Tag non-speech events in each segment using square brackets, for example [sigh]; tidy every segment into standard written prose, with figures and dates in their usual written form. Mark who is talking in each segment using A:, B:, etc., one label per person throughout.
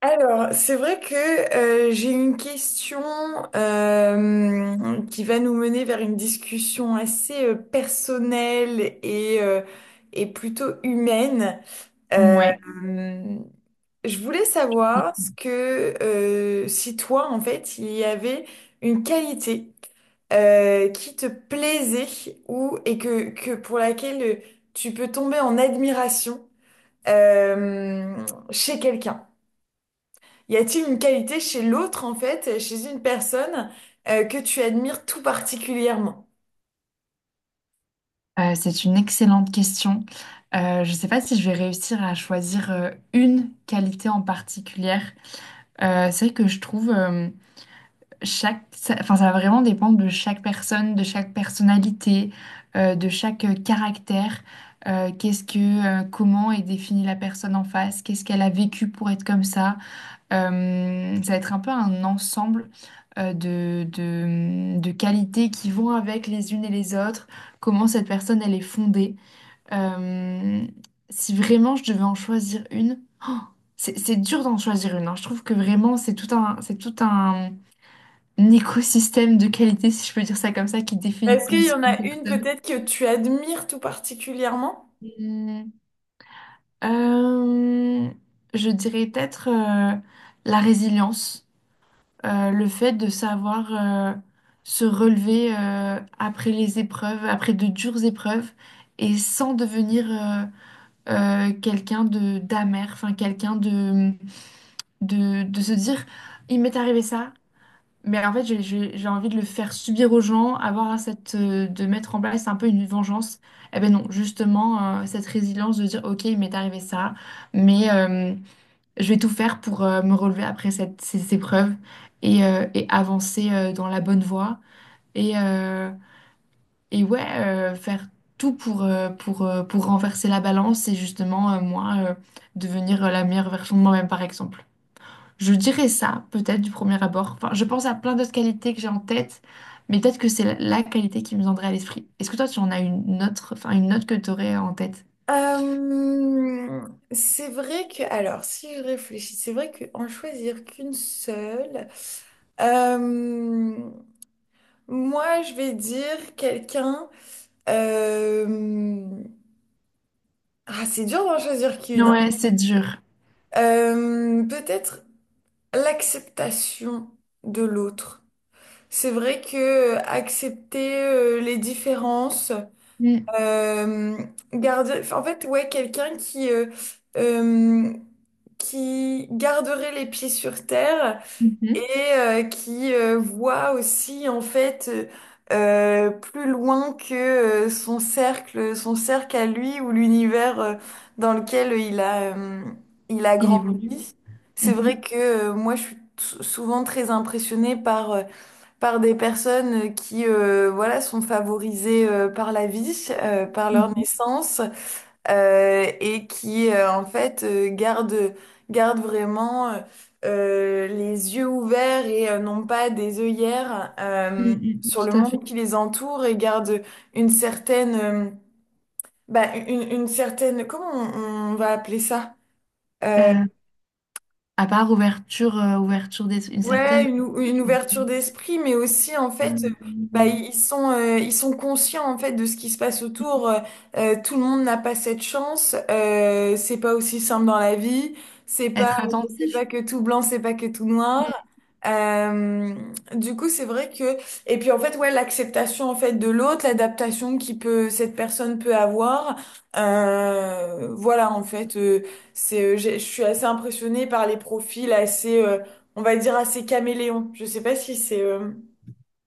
A: Alors, c'est vrai que j'ai une question qui va nous mener vers une discussion assez personnelle et et plutôt humaine. Euh,
B: Ouais.
A: je voulais savoir ce que si toi, en fait, il y avait une qualité qui te plaisait ou et que pour laquelle tu peux tomber en admiration euh, chez quelqu'un. Y a-t-il une qualité chez l'autre, en fait, chez une personne que tu admires tout particulièrement?
B: C'est une excellente question. Je ne sais pas si je vais réussir à choisir une qualité en particulière. C'est vrai que je trouve ça va vraiment dépendre de chaque personne, de chaque personnalité, de chaque caractère. Comment est définie la personne en face? Qu'est-ce qu'elle a vécu pour être comme ça? Ça va être un peu un ensemble de qualités qui vont avec les unes et les autres, comment cette personne, elle est fondée. Euh, si vraiment je devais en choisir une, oh, c'est dur d'en choisir une, hein. Je trouve que vraiment, c'est tout un écosystème de qualités, si je peux dire ça comme ça, qui définit
A: Est-ce
B: une
A: qu'il y
B: seule
A: en a une
B: personne.
A: peut-être que tu admires tout particulièrement?
B: Hmm, euh, je dirais peut-être la résilience. Le fait de savoir se relever après les épreuves, après de dures épreuves, et sans devenir quelqu'un de d'amer, enfin quelqu'un de se dire, il m'est arrivé ça, mais en fait j'ai envie de le faire subir aux gens, avoir cette de mettre en place un peu une vengeance. Eh ben non, justement cette résilience de dire, ok, il m'est arrivé ça, mais je vais tout faire pour me relever après ces épreuves et avancer dans la bonne voie. Et, euh, et ouais, faire tout pour renverser la balance et justement, moi, devenir la meilleure version de moi-même, par exemple. Je dirais ça, peut-être, du premier abord. Enfin, je pense à plein d'autres qualités que j'ai en tête, mais peut-être que c'est la qualité qui me viendrait à l'esprit. Est-ce que toi, tu en as une autre, enfin, une autre que tu aurais en tête?
A: Euh, c'est vrai que, alors, si je réfléchis, c'est vrai qu'en choisir qu'une seule, euh, moi, je vais dire quelqu'un. euh, ah, c'est dur d'en choisir qu'une, hein.
B: Ouais, c'est dur.
A: Peut-être l'acceptation de l'autre. C'est vrai que accepter les différences,
B: Mm.
A: euh, garder, enfin, en fait, ouais, quelqu'un euh, qui garderait les pieds sur terre et
B: Mhm.
A: qui voit aussi en fait plus loin que son cercle à lui ou l'univers dans lequel il a
B: Il évolue.
A: grandi. C'est vrai que moi, je suis souvent très impressionnée par par des personnes qui voilà sont favorisées par la vie, par leur
B: Mhm.
A: naissance et qui en fait gardent vraiment les yeux ouverts et non pas des œillères
B: Mm, mm, mm,
A: sur le
B: tout à fait.
A: monde qui les entoure et gardent une certaine bah, une certaine comment on va appeler ça? Euh,
B: Euh, à part ouverture, ouverture d'esprit, une
A: Ouais,
B: certaine.
A: une ouverture d'esprit, mais aussi en fait,
B: Euh,
A: bah, ils sont, ils sont conscients en fait de ce qui se passe autour. Tout le monde n'a pas cette chance. C'est pas aussi simple dans la vie. C'est pas,
B: être
A: c'est
B: attentif.
A: pas que tout blanc, c'est pas que tout noir.
B: Mm.
A: Euh, du coup, c'est vrai que et puis en fait, ouais, l'acceptation en fait de l'autre, l'adaptation qui peut cette personne peut avoir. Voilà, en fait, c'est, je suis assez impressionnée par les profils assez. On va dire assez caméléon. Je sais pas si c'est.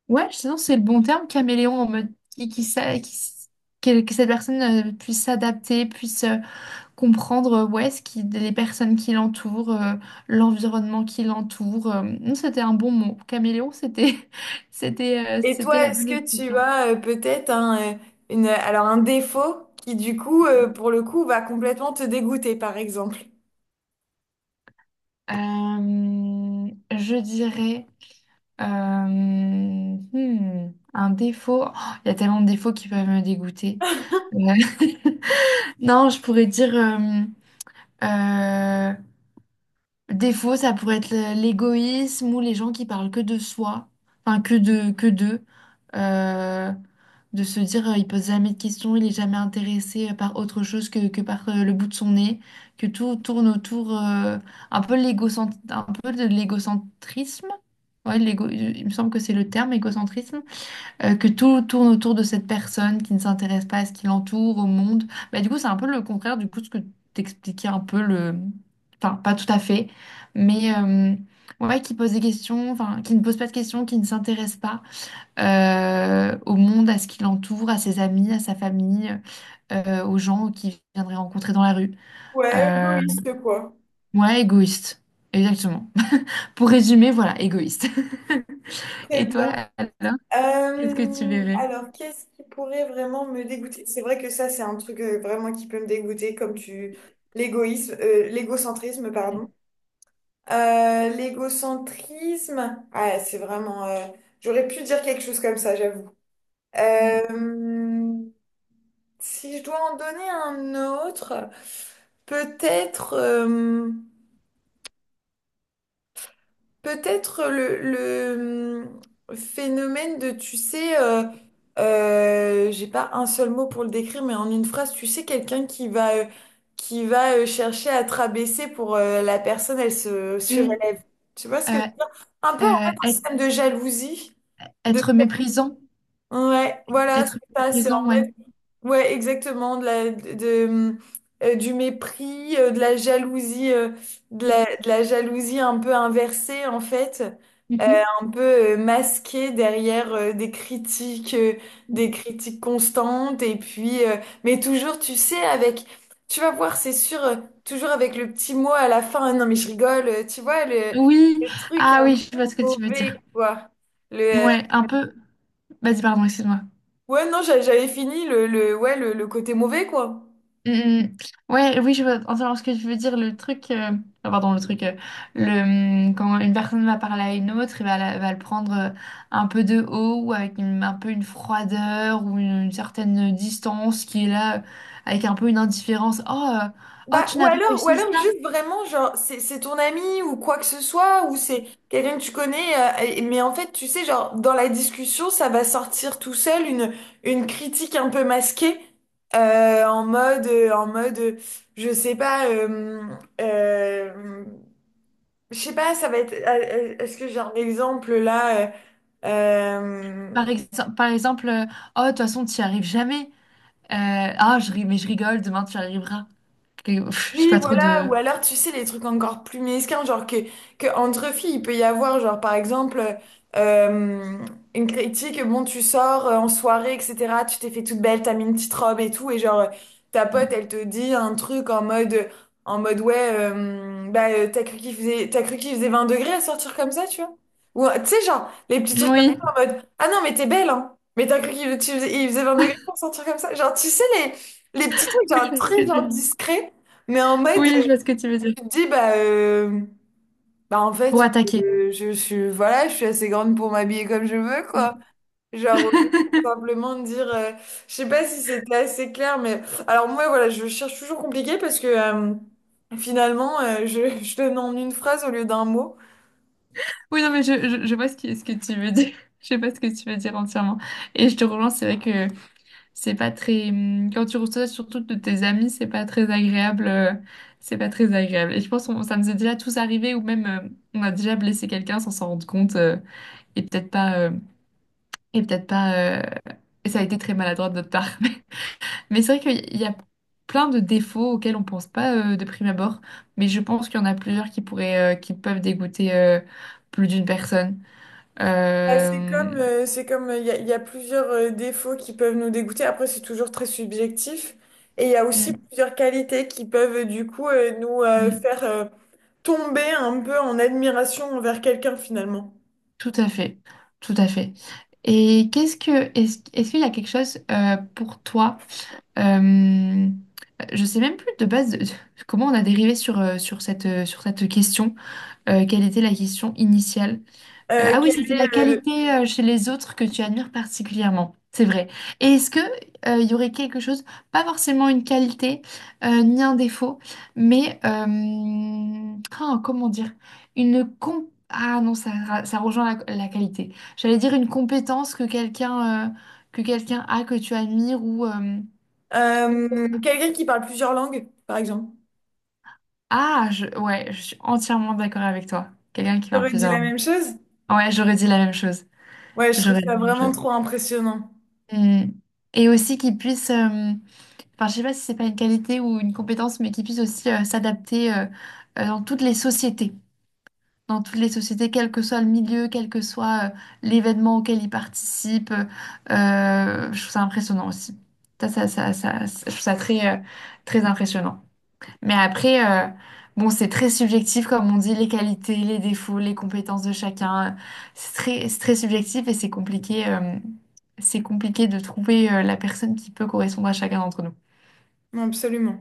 B: Ouais, sinon c'est le bon terme, caméléon, en mode qui, s'a- qui s- que cette personne puisse s'adapter, puisse comprendre ouais, les personnes qui l'entourent, l'environnement qui l'entoure. Mm, c'était un bon mot. Caméléon, c'était [laughs]
A: Et
B: c'était
A: toi,
B: la
A: est-ce
B: bonne
A: que tu
B: expression.
A: as peut-être alors un défaut qui du coup, pour le coup, va complètement te dégoûter, par exemple?
B: Euh, je dirais. Euh, un défaut. Oh, il y a tellement de défauts qui peuvent me dégoûter.
A: [laughs]
B: Euh, [laughs] non, je pourrais dire euh, Défaut, ça pourrait être l'égoïsme ou les gens qui parlent que de soi, enfin que d'eux, Euh, de se dire il pose jamais de questions, il est jamais intéressé par autre chose que par le bout de son nez, que tout tourne autour un peu de l'égocentrisme. Ouais, l'égo, il me semble que c'est le terme, égocentrisme que tout tourne autour de cette personne qui ne s'intéresse pas à ce qui l'entoure, au monde. Bah, du coup, c'est un peu le contraire du coup de ce que t'expliquais un peu le... Enfin, pas tout à fait, mais ouais, qui pose des questions, enfin, qui ne pose pas de questions, qui ne s'intéresse pas au monde, à ce qui l'entoure, à ses amis, à sa famille, aux gens qu'il viendrait rencontrer dans la rue.
A: Ouais,
B: Euh,
A: égoïste quoi.
B: ouais, égoïste. Exactement. [laughs] Pour résumer, voilà, égoïste. [laughs]
A: Très
B: Et toi,
A: bien.
B: alors, qu'est-ce que tu verrais?
A: Alors, qu'est-ce qui pourrait vraiment me dégoûter? C'est vrai que ça, c'est un truc vraiment qui peut me dégoûter, comme tu... L'égoïsme, l'égocentrisme, pardon. L'égocentrisme, ah, c'est vraiment... j'aurais pu dire quelque chose comme ça, j'avoue.
B: Mm.
A: Euh, si je dois en donner un autre, peut-être peut-être le phénomène de, tu sais, j'ai pas un seul mot pour le décrire, mais en une phrase, tu sais, quelqu'un qui va chercher à te rabaisser pour la personne, elle se
B: Mm.
A: surélève. Tu vois ce
B: Euh,
A: que je veux dire? Un peu en fait
B: euh,
A: un
B: être
A: système de jalousie. De...
B: Être méprisant.
A: Ouais, voilà, c'est
B: Être
A: ça, c'est en
B: méprisant, ouais.
A: mode. Ouais, exactement, du mépris,
B: Ouais.
A: de la jalousie un peu inversée en fait, euh,
B: Mhm.
A: un peu masquée derrière des critiques constantes et puis, mais toujours, tu sais, avec, tu vas voir, c'est sûr, toujours avec le petit mot à la fin, non mais je rigole, tu vois
B: Oui,
A: le truc
B: ah oui,
A: un
B: je vois
A: peu
B: ce que tu veux dire.
A: mauvais quoi, le, euh,
B: Ouais, un peu. Vas-y, pardon, excuse-moi.
A: ouais non j'a- j'avais fini le, ouais le côté mauvais quoi.
B: Mhm. Ouais, oui, je vois entendre ce que je veux dire. Pardon, le, quand une personne va parler à une autre, et va le prendre un peu de haut, ou avec un peu une froideur, ou une certaine distance qui est là, avec un peu une indifférence. Oh, oh,
A: Bah,
B: tu n'as pas
A: ou
B: réussi
A: alors
B: ça.
A: juste vraiment, genre, c'est ton ami ou quoi que ce soit, ou c'est quelqu'un que tu connais, mais en fait, tu sais, genre, dans la discussion, ça va sortir tout seul une critique un peu masquée, en mode, je sais pas, euh, euh, je sais pas, ça va être, est-ce que j'ai un exemple là, euh,
B: Par, ex- par exemple, oh, de toute façon, tu n'y arrives jamais. Euh, mais je rigole, demain tu y arriveras. Je sais
A: oui,
B: pas trop
A: voilà, ou
B: de...
A: alors tu sais, les trucs encore plus mesquins, genre que entre filles, il peut y avoir, genre par exemple, euh, une critique, bon, tu sors en soirée, etc., tu t'es fait toute belle, t'as mis une petite robe et tout, et genre ta pote,
B: Oui,
A: elle te dit un truc en mode ouais, t'as cru qu'il faisait 20 degrés à sortir comme ça, tu vois? Ou tu sais, genre, les petits trucs comme
B: oui,
A: ça en mode, ah non, mais t'es belle, hein, mais t'as cru qu'il tu faisais, il faisait 20 degrés pour sortir comme ça, genre, tu sais, les petits trucs,
B: je
A: genre
B: vois ce que
A: très genre
B: tu...
A: discrets. Mais en mode,
B: oui, je vois ce que tu veux dire.
A: tu te dis, bah, bah en
B: Pour
A: fait,
B: attaquer.
A: je suis assez grande pour m'habiller comme je veux, quoi.
B: Mm.
A: Genre, au lieu de
B: [laughs]
A: simplement de dire, je sais pas si c'était assez clair, mais alors moi, voilà, je cherche toujours compliqué parce que finalement, [laughs] je donne en une phrase au lieu d'un mot.
B: Oui, non, mais je vois ce que tu veux dire. [laughs] Je sais pas ce que tu veux dire entièrement. Et je te relance, c'est vrai que c'est pas très... quand tu reçois surtout de tes amis, c'est pas très agréable. C'est pas très agréable. Et je pense que ça nous est déjà tous arrivé, ou même on a déjà blessé quelqu'un sans s'en rendre compte. Et peut-être pas... Et peut-être pas... Et ça a été très maladroit de notre part. [laughs] Mais c'est vrai qu'il y a plein de défauts auxquels on pense pas de prime abord, mais je pense qu'il y en a plusieurs qui peuvent dégoûter plus d'une personne.
A: Bah, c'est
B: Euh,
A: comme, y a plusieurs défauts qui peuvent nous dégoûter. Après, c'est toujours très subjectif. Et il y a aussi
B: mm,
A: plusieurs qualités qui peuvent, du coup, nous
B: mm,
A: faire. Tomber un peu en admiration envers quelqu'un finalement.
B: Tout à fait, tout à fait. Et est-ce qu'il y a quelque chose pour toi, euh, je sais même plus de base de- [laughs] comment on a dérivé sur, sur sur cette question, quelle était la question initiale,
A: Euh,
B: ah oui,
A: quel
B: c'était
A: est,
B: la
A: euh,
B: qualité chez les autres que tu admires particulièrement. C'est vrai. Et est-ce que il y aurait quelque chose, pas forcément une qualité ni un défaut, mais comment dire, une com- ah non, ça, ça rejoint la qualité. J'allais dire une compétence que quelqu'un a que tu admires ou
A: quelqu'un qui parle plusieurs langues, par exemple.
B: ah je... ouais, je suis entièrement d'accord avec toi. Quelqu'un qui parle
A: T'aurais dit
B: plusieurs
A: la
B: langues.
A: même chose?
B: Ouais, j'aurais dit la même chose.
A: Ouais, je trouve
B: J'aurais dit
A: ça
B: la même
A: vraiment
B: chose.
A: trop impressionnant.
B: Mm. Et aussi qu'ils puissent, enfin je sais pas si c'est pas une qualité ou une compétence, mais qu'ils puissent aussi s'adapter dans toutes les sociétés, dans toutes les sociétés, quel que soit le milieu, quel que soit l'événement auquel ils participent. Je trouve ça impressionnant aussi. Ça, je trouve ça très, très impressionnant. Mais après, bon, c'est très subjectif, comme on dit, les qualités, les défauts, les compétences de chacun. C'est très subjectif et c'est compliqué de trouver, la personne qui peut correspondre à chacun d'entre nous.
A: Non, absolument.